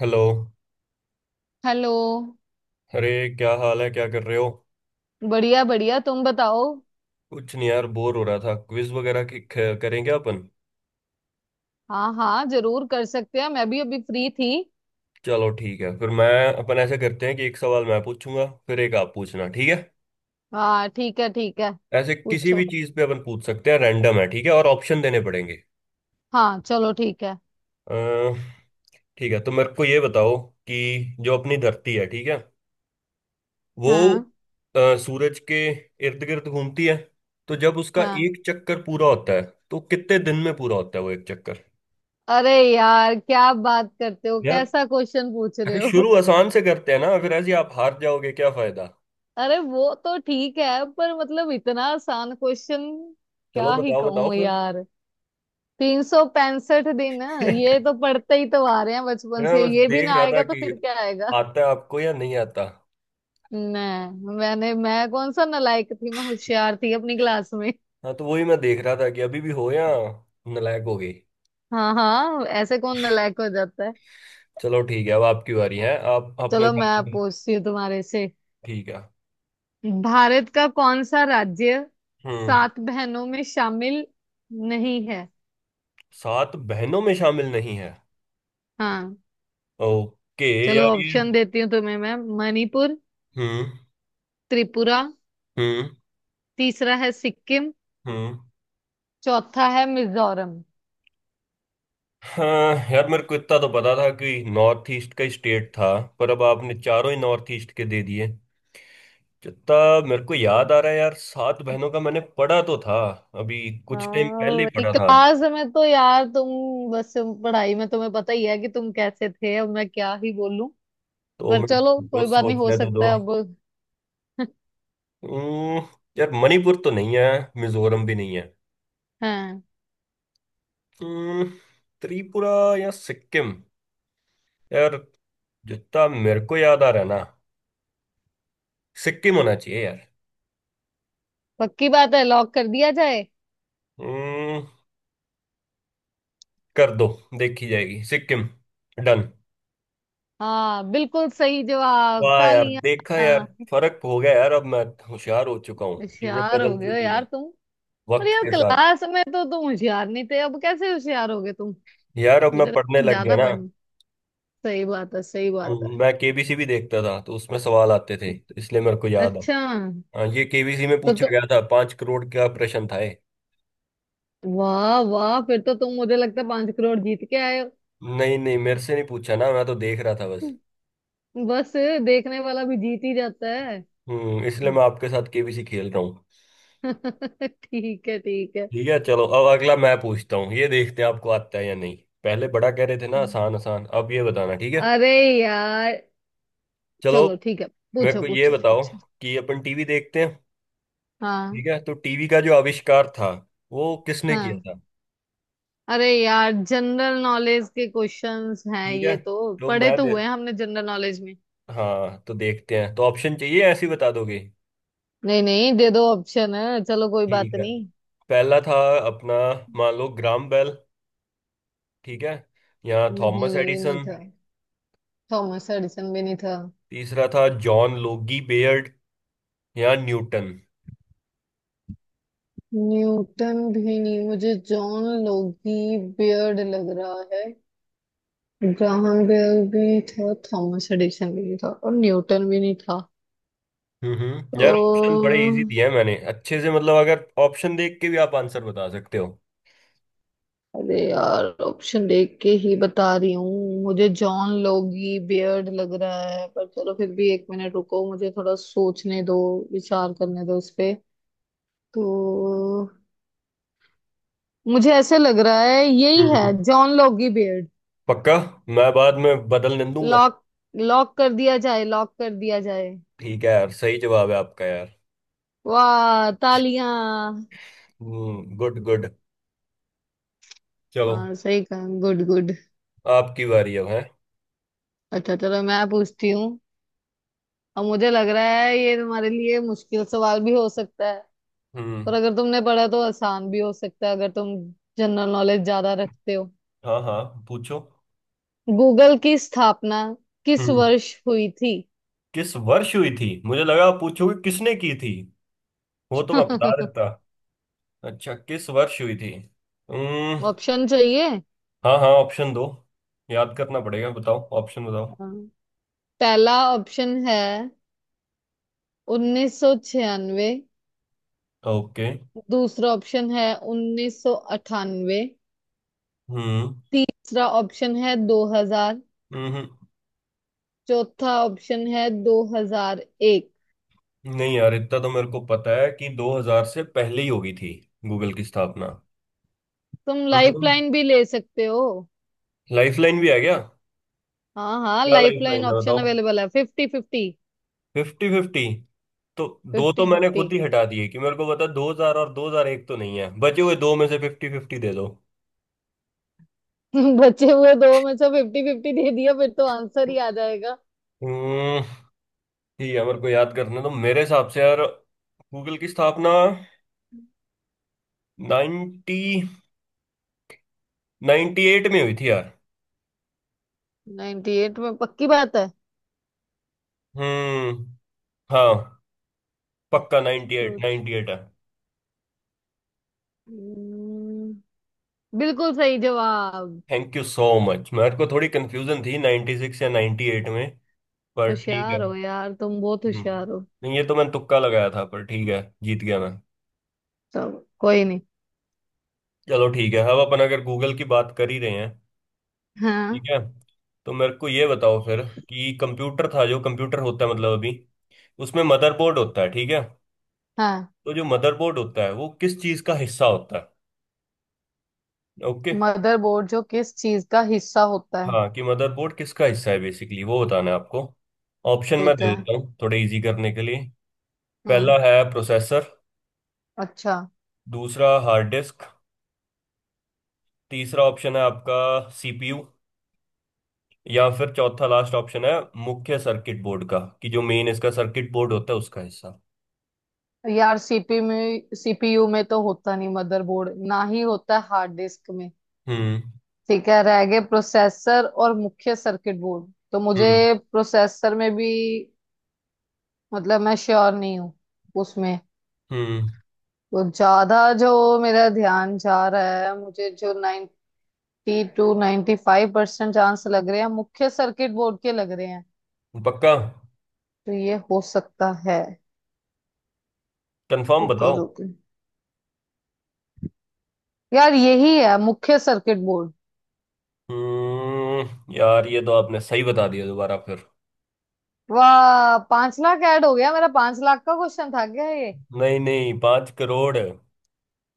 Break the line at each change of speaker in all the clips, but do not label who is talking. Hello.
Hello.
अरे, क्या हाल है? क्या कर रहे हो?
बढ़िया बढ़िया, तुम बताओ।
कुछ नहीं यार, बोर हो रहा था। क्विज वगैरह की करेंगे अपन।
हाँ हाँ, जरूर कर सकते हैं। मैं भी अभी फ्री थी।
चलो ठीक है फिर। मैं अपन ऐसे करते हैं कि एक सवाल मैं पूछूंगा, फिर एक आप पूछना। ठीक है?
हाँ ठीक है ठीक है।
ऐसे किसी भी
पूछो।
चीज पे अपन पूछ सकते हैं। रैंडम है। ठीक है, और ऑप्शन देने पड़ेंगे।
हाँ चलो ठीक है।
अ, ठीक है, तो मेरे को ये बताओ कि जो अपनी धरती है, ठीक है, वो
हाँ
सूरज के इर्द गिर्द घूमती है। तो जब उसका
हाँ,
एक चक्कर पूरा होता है, तो कितने दिन में पूरा होता है वो एक चक्कर?
अरे यार क्या बात करते हो?
यार,
कैसा क्वेश्चन पूछ रहे
अरे शुरू
हो?
आसान से करते हैं ना, फिर ऐसे ही आप हार जाओगे, क्या फायदा?
अरे वो तो ठीक है, पर मतलब इतना आसान क्वेश्चन,
चलो
क्या ही
बताओ बताओ
कहूँ
फिर।
यार। 365 दिन। ये तो पढ़ते ही तो आ रहे हैं बचपन
मैं
से,
बस
ये भी
देख
ना
रहा था
आएगा तो
कि
फिर क्या।
आता है आपको या नहीं आता।
नहीं, मैं कौन सा नालायक थी, मैं होशियार थी अपनी क्लास में।
हाँ तो वही मैं देख रहा था कि अभी भी हो या नालायक हो गई।
हाँ हाँ, ऐसे कौन नालायक हो जाता है।
चलो ठीक है, अब आपकी बारी है। आप अपने
चलो मैं
हिसाब
अब
से।
पूछती हूँ तुम्हारे से।
ठीक है।
भारत का कौन सा राज्य
हम्म।
सात बहनों में शामिल नहीं है?
सात बहनों में शामिल नहीं है।
हाँ,
ओके।
चलो
यार ये।
ऑप्शन देती हूँ तुम्हें। मैं मणिपुर,
हम्म।
त्रिपुरा,
हम्म।
तीसरा है सिक्किम,
हम्म।
चौथा है मिजोरम।
हाँ यार, मेरे को इतना तो पता था कि नॉर्थ ईस्ट का स्टेट था। पर अब आपने चारों ही नॉर्थ ईस्ट के दे दिए। जितना मेरे को याद आ रहा है यार, सात बहनों का मैंने पढ़ा तो था अभी। कुछ टाइम पहले ही
हाँ
पढ़ा था।
क्लास में तो यार तुम, बस पढ़ाई में तुम्हें पता ही है कि तुम कैसे थे, अब मैं क्या ही बोलूं।
तो
पर
मैं
चलो
तो
कोई बात नहीं, हो
सोचने तो
सकता
दो।
है अब।
हम्म, यार मणिपुर तो नहीं है। मिजोरम भी नहीं है।
हाँ,
हम्म, त्रिपुरा या सिक्किम यार? जितना मेरे को याद आ रहा है ना, सिक्किम होना चाहिए यार।
पक्की बात है, लॉक कर दिया जाए।
हम्म, कर दो। देखी जाएगी सिक्किम। डन।
हाँ बिल्कुल सही जवाब,
वाह यार,
तालियां।
देखा यार।
हाँ,
फर्क हो गया यार, अब मैं होशियार हो चुका हूँ, चीजें
होशियार
बदल
हो गए हो
चुकी हैं
यार तुम। पर
वक्त
यार
के साथ।
क्लास में तो तुम होशियार नहीं थे, अब कैसे होशियार हो गए तुम?
यार अब मैं
मुझे
पढ़ने
लगता
लग गया
ज्यादा
ना।
पढ़ना। सही बात है, सही बात है।
मैं केबीसी भी देखता था, तो उसमें सवाल आते थे, तो इसलिए मेरे को याद आ।
अच्छा।
हाँ, ये केबीसी में
तो
पूछा
तुम,
गया था, 5 करोड़ का प्रश्न था ये।
वाह वाह, फिर तो तुम मुझे लगता है 5 करोड़ जीत के आए
नहीं नहीं, मेरे से नहीं पूछा ना, मैं तो देख रहा था बस।
हो। बस, देखने वाला भी जीत ही जाता है।
इसलिए मैं आपके साथ केबीसी खेल रहा हूँ।
ठीक है ठीक है।
ठीक है, चलो अब अगला मैं पूछता हूँ, ये देखते हैं आपको आता है या नहीं। पहले बड़ा कह रहे थे ना आसान आसान, अब ये बताना। ठीक है?
अरे यार।
चलो।
चलो ठीक है,
मेरे
पूछो
को ये
पूछो
बताओ
पूछो।
कि अपन टीवी देखते हैं,
हाँ
ठीक है? तो टीवी का जो आविष्कार था, वो किसने किया
हाँ,
था?
अरे यार जनरल नॉलेज के क्वेश्चंस हैं,
ठीक है।
ये तो
तो
पढ़े
मैं
तो
दे-
हुए हैं हमने जनरल नॉलेज में।
हाँ तो देखते हैं, तो ऑप्शन चाहिए या ऐसे ही बता दोगे?
नहीं नहीं, दे दो ऑप्शन, है चलो कोई बात
ठीक है।
नहीं।
पहला था अपना, मान लो, ग्राम बेल। ठीक है, या थॉमस
नहीं, ये नहीं
एडिसन।
था। थॉमस एडिसन भी नहीं था।
तीसरा था जॉन लोगी बेयर्ड, या न्यूटन।
न्यूटन भी नहीं, मुझे जॉन लोगी बियर्ड लग रहा है। ग्राहम बेल भी था, थॉमस एडिसन भी नहीं था, और न्यूटन भी नहीं था।
हम्म।
तो
यार ऑप्शन बड़े इजी दिए हैं मैंने, अच्छे से। मतलब अगर ऑप्शन देख के भी आप आंसर बता सकते हो।
अरे यार ऑप्शन देख के ही बता रही हूँ, मुझे जॉन लोगी बियर्ड लग रहा है। पर चलो फिर भी एक मिनट रुको, मुझे थोड़ा सोचने दो, विचार करने दो इस पे। तो मुझे ऐसे लग रहा है यही है
हम्म
जॉन लोगी बियर्ड।
पक्का? मैं बाद में बदलने दूंगा।
लॉक, लॉक कर दिया जाए, लॉक कर दिया जाए।
ठीक है यार, सही जवाब है आपका यार।
वाह, तालियां।
Good good. चलो,
वाह सही कहा, गुड गुड।
आपकी बारी अब है।
अच्छा चलो मैं पूछती हूँ। अब मुझे लग रहा है ये तुम्हारे लिए मुश्किल सवाल भी हो सकता है।
हम्म,
पर अगर तुमने पढ़ा तो आसान भी हो सकता है, अगर तुम जनरल नॉलेज ज्यादा रखते हो।
हाँ हाँ, पूछो।
गूगल की स्थापना किस
हम्म
वर्ष हुई थी?
किस वर्ष हुई थी? मुझे लगा आप पूछोगे किसने की थी। वो तो मैं बता देता। अच्छा, किस वर्ष हुई थी। हम्म।
ऑप्शन चाहिए?
हाँ हाँ, ऑप्शन दो। याद करना पड़ेगा, बताओ ऑप्शन बताओ।
हाँ। पहला ऑप्शन है 1996,
ओके।
दूसरा ऑप्शन है 1998,
हम्म।
तीसरा ऑप्शन है 2000,
हम्म।
चौथा ऑप्शन है 2001।
नहीं यार, इतना तो मेरे को पता है कि 2000 से पहले ही होगी थी गूगल की स्थापना।
तुम लाइफलाइन भी ले सकते हो।
लाइफलाइन भी है क्या?
हाँ हाँ,
क्या
लाइफलाइन
लाइफलाइन है
ऑप्शन
बताओ?
अवेलेबल है, फिफ्टी फिफ्टी।
Fifty fifty? तो दो
फिफ्टी
तो मैंने
फिफ्टी।
खुद ही हटा दिए कि मेरे को पता 2000 और 2001 तो नहीं है, बचे हुए दो में से फिफ्टी फिफ्टी दे दो।
बचे हुए दो में से फिफ्टी फिफ्टी दे दिया, फिर तो आंसर ही आ जाएगा।
हम्म, ठीक है, मेरे को याद करने तो मेरे हिसाब से यार, गूगल की स्थापना 90, 98 में हुई थी यार।
98 में? पक्की बात है?
हम्म, हाँ। पक्का 98
ट्रूथ,
98 है।
बिल्कुल सही जवाब।
Thank you so much. मेरे को थोड़ी कंफ्यूजन थी 96 या 98 में, पर ठीक है।
होशियार हो यार तुम, बहुत
हम्म
होशियार हो।
नहीं, ये तो मैंने तुक्का लगाया था, पर ठीक है, जीत गया मैं।
चलो कोई नहीं।
चलो ठीक है, अब अपन अगर गूगल की बात कर ही रहे हैं,
हाँ
ठीक है, तो मेरे को ये बताओ फिर। कि कंप्यूटर था, जो कंप्यूटर होता है मतलब अभी, उसमें मदरबोर्ड होता है, ठीक है।
हाँ।
तो जो मदरबोर्ड होता है वो किस चीज का हिस्सा होता है? ओके।
मदरबोर्ड जो किस चीज का हिस्सा होता है?
हाँ, कि मदरबोर्ड किसका हिस्सा है बेसिकली, वो बताना है आपको। ऑप्शन मैं
ठीक
दे
है।
देता हूँ थोड़े इजी करने के लिए।
हम्म।
पहला है प्रोसेसर।
अच्छा।
दूसरा हार्ड डिस्क। तीसरा ऑप्शन है आपका, सीपीयू। या फिर चौथा, लास्ट ऑप्शन है मुख्य सर्किट बोर्ड का, कि जो मेन इसका सर्किट बोर्ड होता है उसका हिस्सा।
यार सीपी में, सीपीयू में तो होता नहीं मदरबोर्ड, ना ही होता हार्ड डिस्क में।
हम्म।
ठीक है, रह गए प्रोसेसर और मुख्य सर्किट बोर्ड। तो मुझे
हम्म।
प्रोसेसर में भी, मतलब मैं श्योर नहीं हूँ उसमें।
हम्म।
तो ज्यादा जो मेरा ध्यान जा रहा है, मुझे जो 92 to ninety five percent chance लग रहे हैं, मुख्य सर्किट बोर्ड के लग रहे हैं।
पक्का?
तो ये हो सकता है।
कंफर्म
रुको
बताओ।
रुको। यार यही है मुख्य सर्किट बोर्ड।
यार ये तो आपने सही बता दिया दोबारा फिर।
वाह, 5 लाख ऐड हो गया मेरा। 5 लाख का क्वेश्चन था क्या ये?
नहीं नहीं, 5 करोड़ है।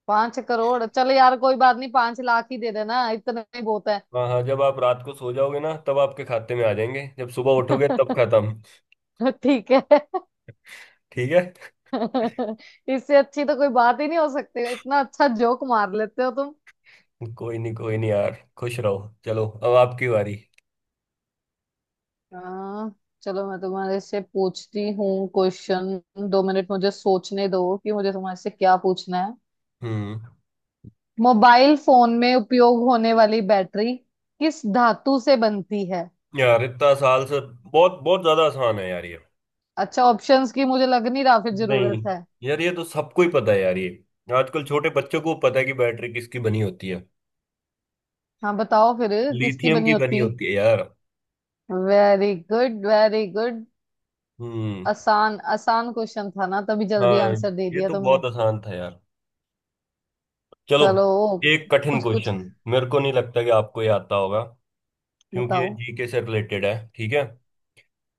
5 करोड़? चलो यार कोई बात नहीं, 5 लाख ही दे देना, इतना ही बहुत।
हाँ हाँ, जब आप रात को सो जाओगे ना, तब आपके खाते में आ जाएंगे, जब सुबह उठोगे तब खत्म।
ठीक है।
ठीक है।
इससे अच्छी तो कोई बात ही नहीं हो सकती, इतना अच्छा जोक मार लेते हो तुम।
कोई नहीं यार, खुश रहो। चलो अब आपकी बारी।
हाँ। चलो मैं तुम्हारे से पूछती हूँ क्वेश्चन, 2 मिनट मुझे सोचने दो कि मुझे तुम्हारे से क्या पूछना है।
हम्म
मोबाइल फोन में उपयोग होने वाली बैटरी किस धातु से बनती है?
यार इतना साल से बहुत बहुत ज्यादा आसान है यार ये।
अच्छा, ऑप्शंस की मुझे लग नहीं रहा फिर
नहीं
जरूरत है।
यार, ये तो सबको ही पता है यार ये, आजकल छोटे बच्चों को पता है कि बैटरी किसकी बनी होती है।
हाँ बताओ फिर। किसकी
लिथियम
बनी
की बनी
होती है?
होती है यार।
Very good very good.
हम्म,
आसान आसान क्वेश्चन था ना, तभी जल्दी
हाँ।
आंसर दे
ये
दिया
तो
तुमने।
बहुत आसान था यार। चलो,
चलो।
एक कठिन
कुछ कुछ।
क्वेश्चन। मेरे को नहीं लगता कि आपको ये आता होगा, क्योंकि ये
बताओ।
जीके से रिलेटेड है। ठीक है?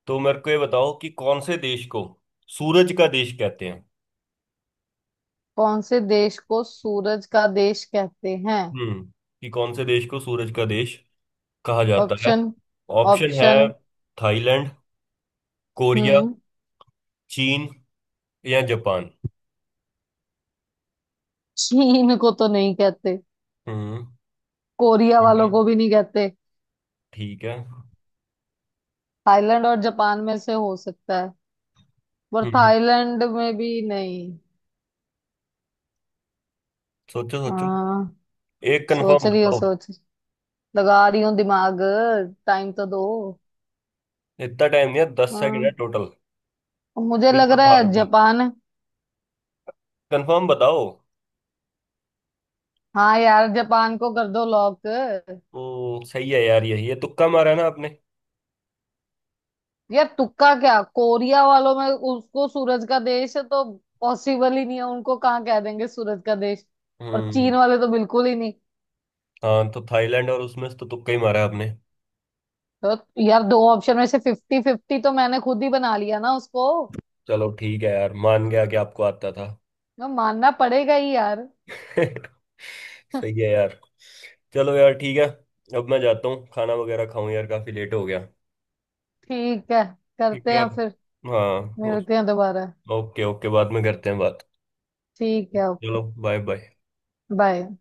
तो मेरे को ये बताओ कि कौन से देश को सूरज का देश कहते हैं?
कौन से देश को सूरज का देश कहते हैं?
हम्म कि कौन से देश को सूरज का देश कहा जाता है?
ऑप्शन।
ऑप्शन है
ऑप्शन।
थाईलैंड, कोरिया,
हम्म।
चीन या जापान।
चीन को तो नहीं कहते।
हम्म।
कोरिया
ठीक
वालों
है।
को भी नहीं कहते।
ठीक है।
थाईलैंड और जापान में से हो सकता है, पर
हम्म
थाईलैंड में भी नहीं।
सोचो सोचो।
हाँ।
एक
सोच
कंफर्म
रही हूँ,
बताओ।
सोच लगा रही हूँ दिमाग। टाइम तो दो।
इतना टाइम नहीं है, 10 सेकंड
हाँ,
है टोटल।
मुझे
फिर
लग
तो
रहा
हार
है
गई?
जापान है।
कंफर्म बताओ।
हाँ यार, जापान को कर दो लॉक।
ओ, सही है यार, यही है। तुक्का मारा है ना आपने?
यार तुक्का क्या, कोरिया वालों में उसको सूरज का देश है तो पॉसिबल ही नहीं है, उनको कहाँ कह देंगे सूरज का देश। और
हम्म,
चीन वाले तो बिल्कुल ही नहीं।
हाँ, तो थाईलैंड और उसमें से तो तुक्का ही मारा है आपने।
तो यार दो ऑप्शन में से फिफ्टी फिफ्टी तो मैंने खुद ही बना लिया ना उसको।
चलो ठीक है यार, मान गया कि आपको आता था।
मैं मानना पड़ेगा ही यार।
सही है यार। चलो यार ठीक है। अब मैं जाता हूँ, खाना वगैरह खाऊं यार, काफी लेट हो गया।
ठीक है,
ठीक है
करते हैं
यार।
फिर,
हाँ,
मिलते हैं दोबारा।
ओके ओके, बाद में करते हैं बात।
ठीक है,
चलो, बाय बाय।
बाय।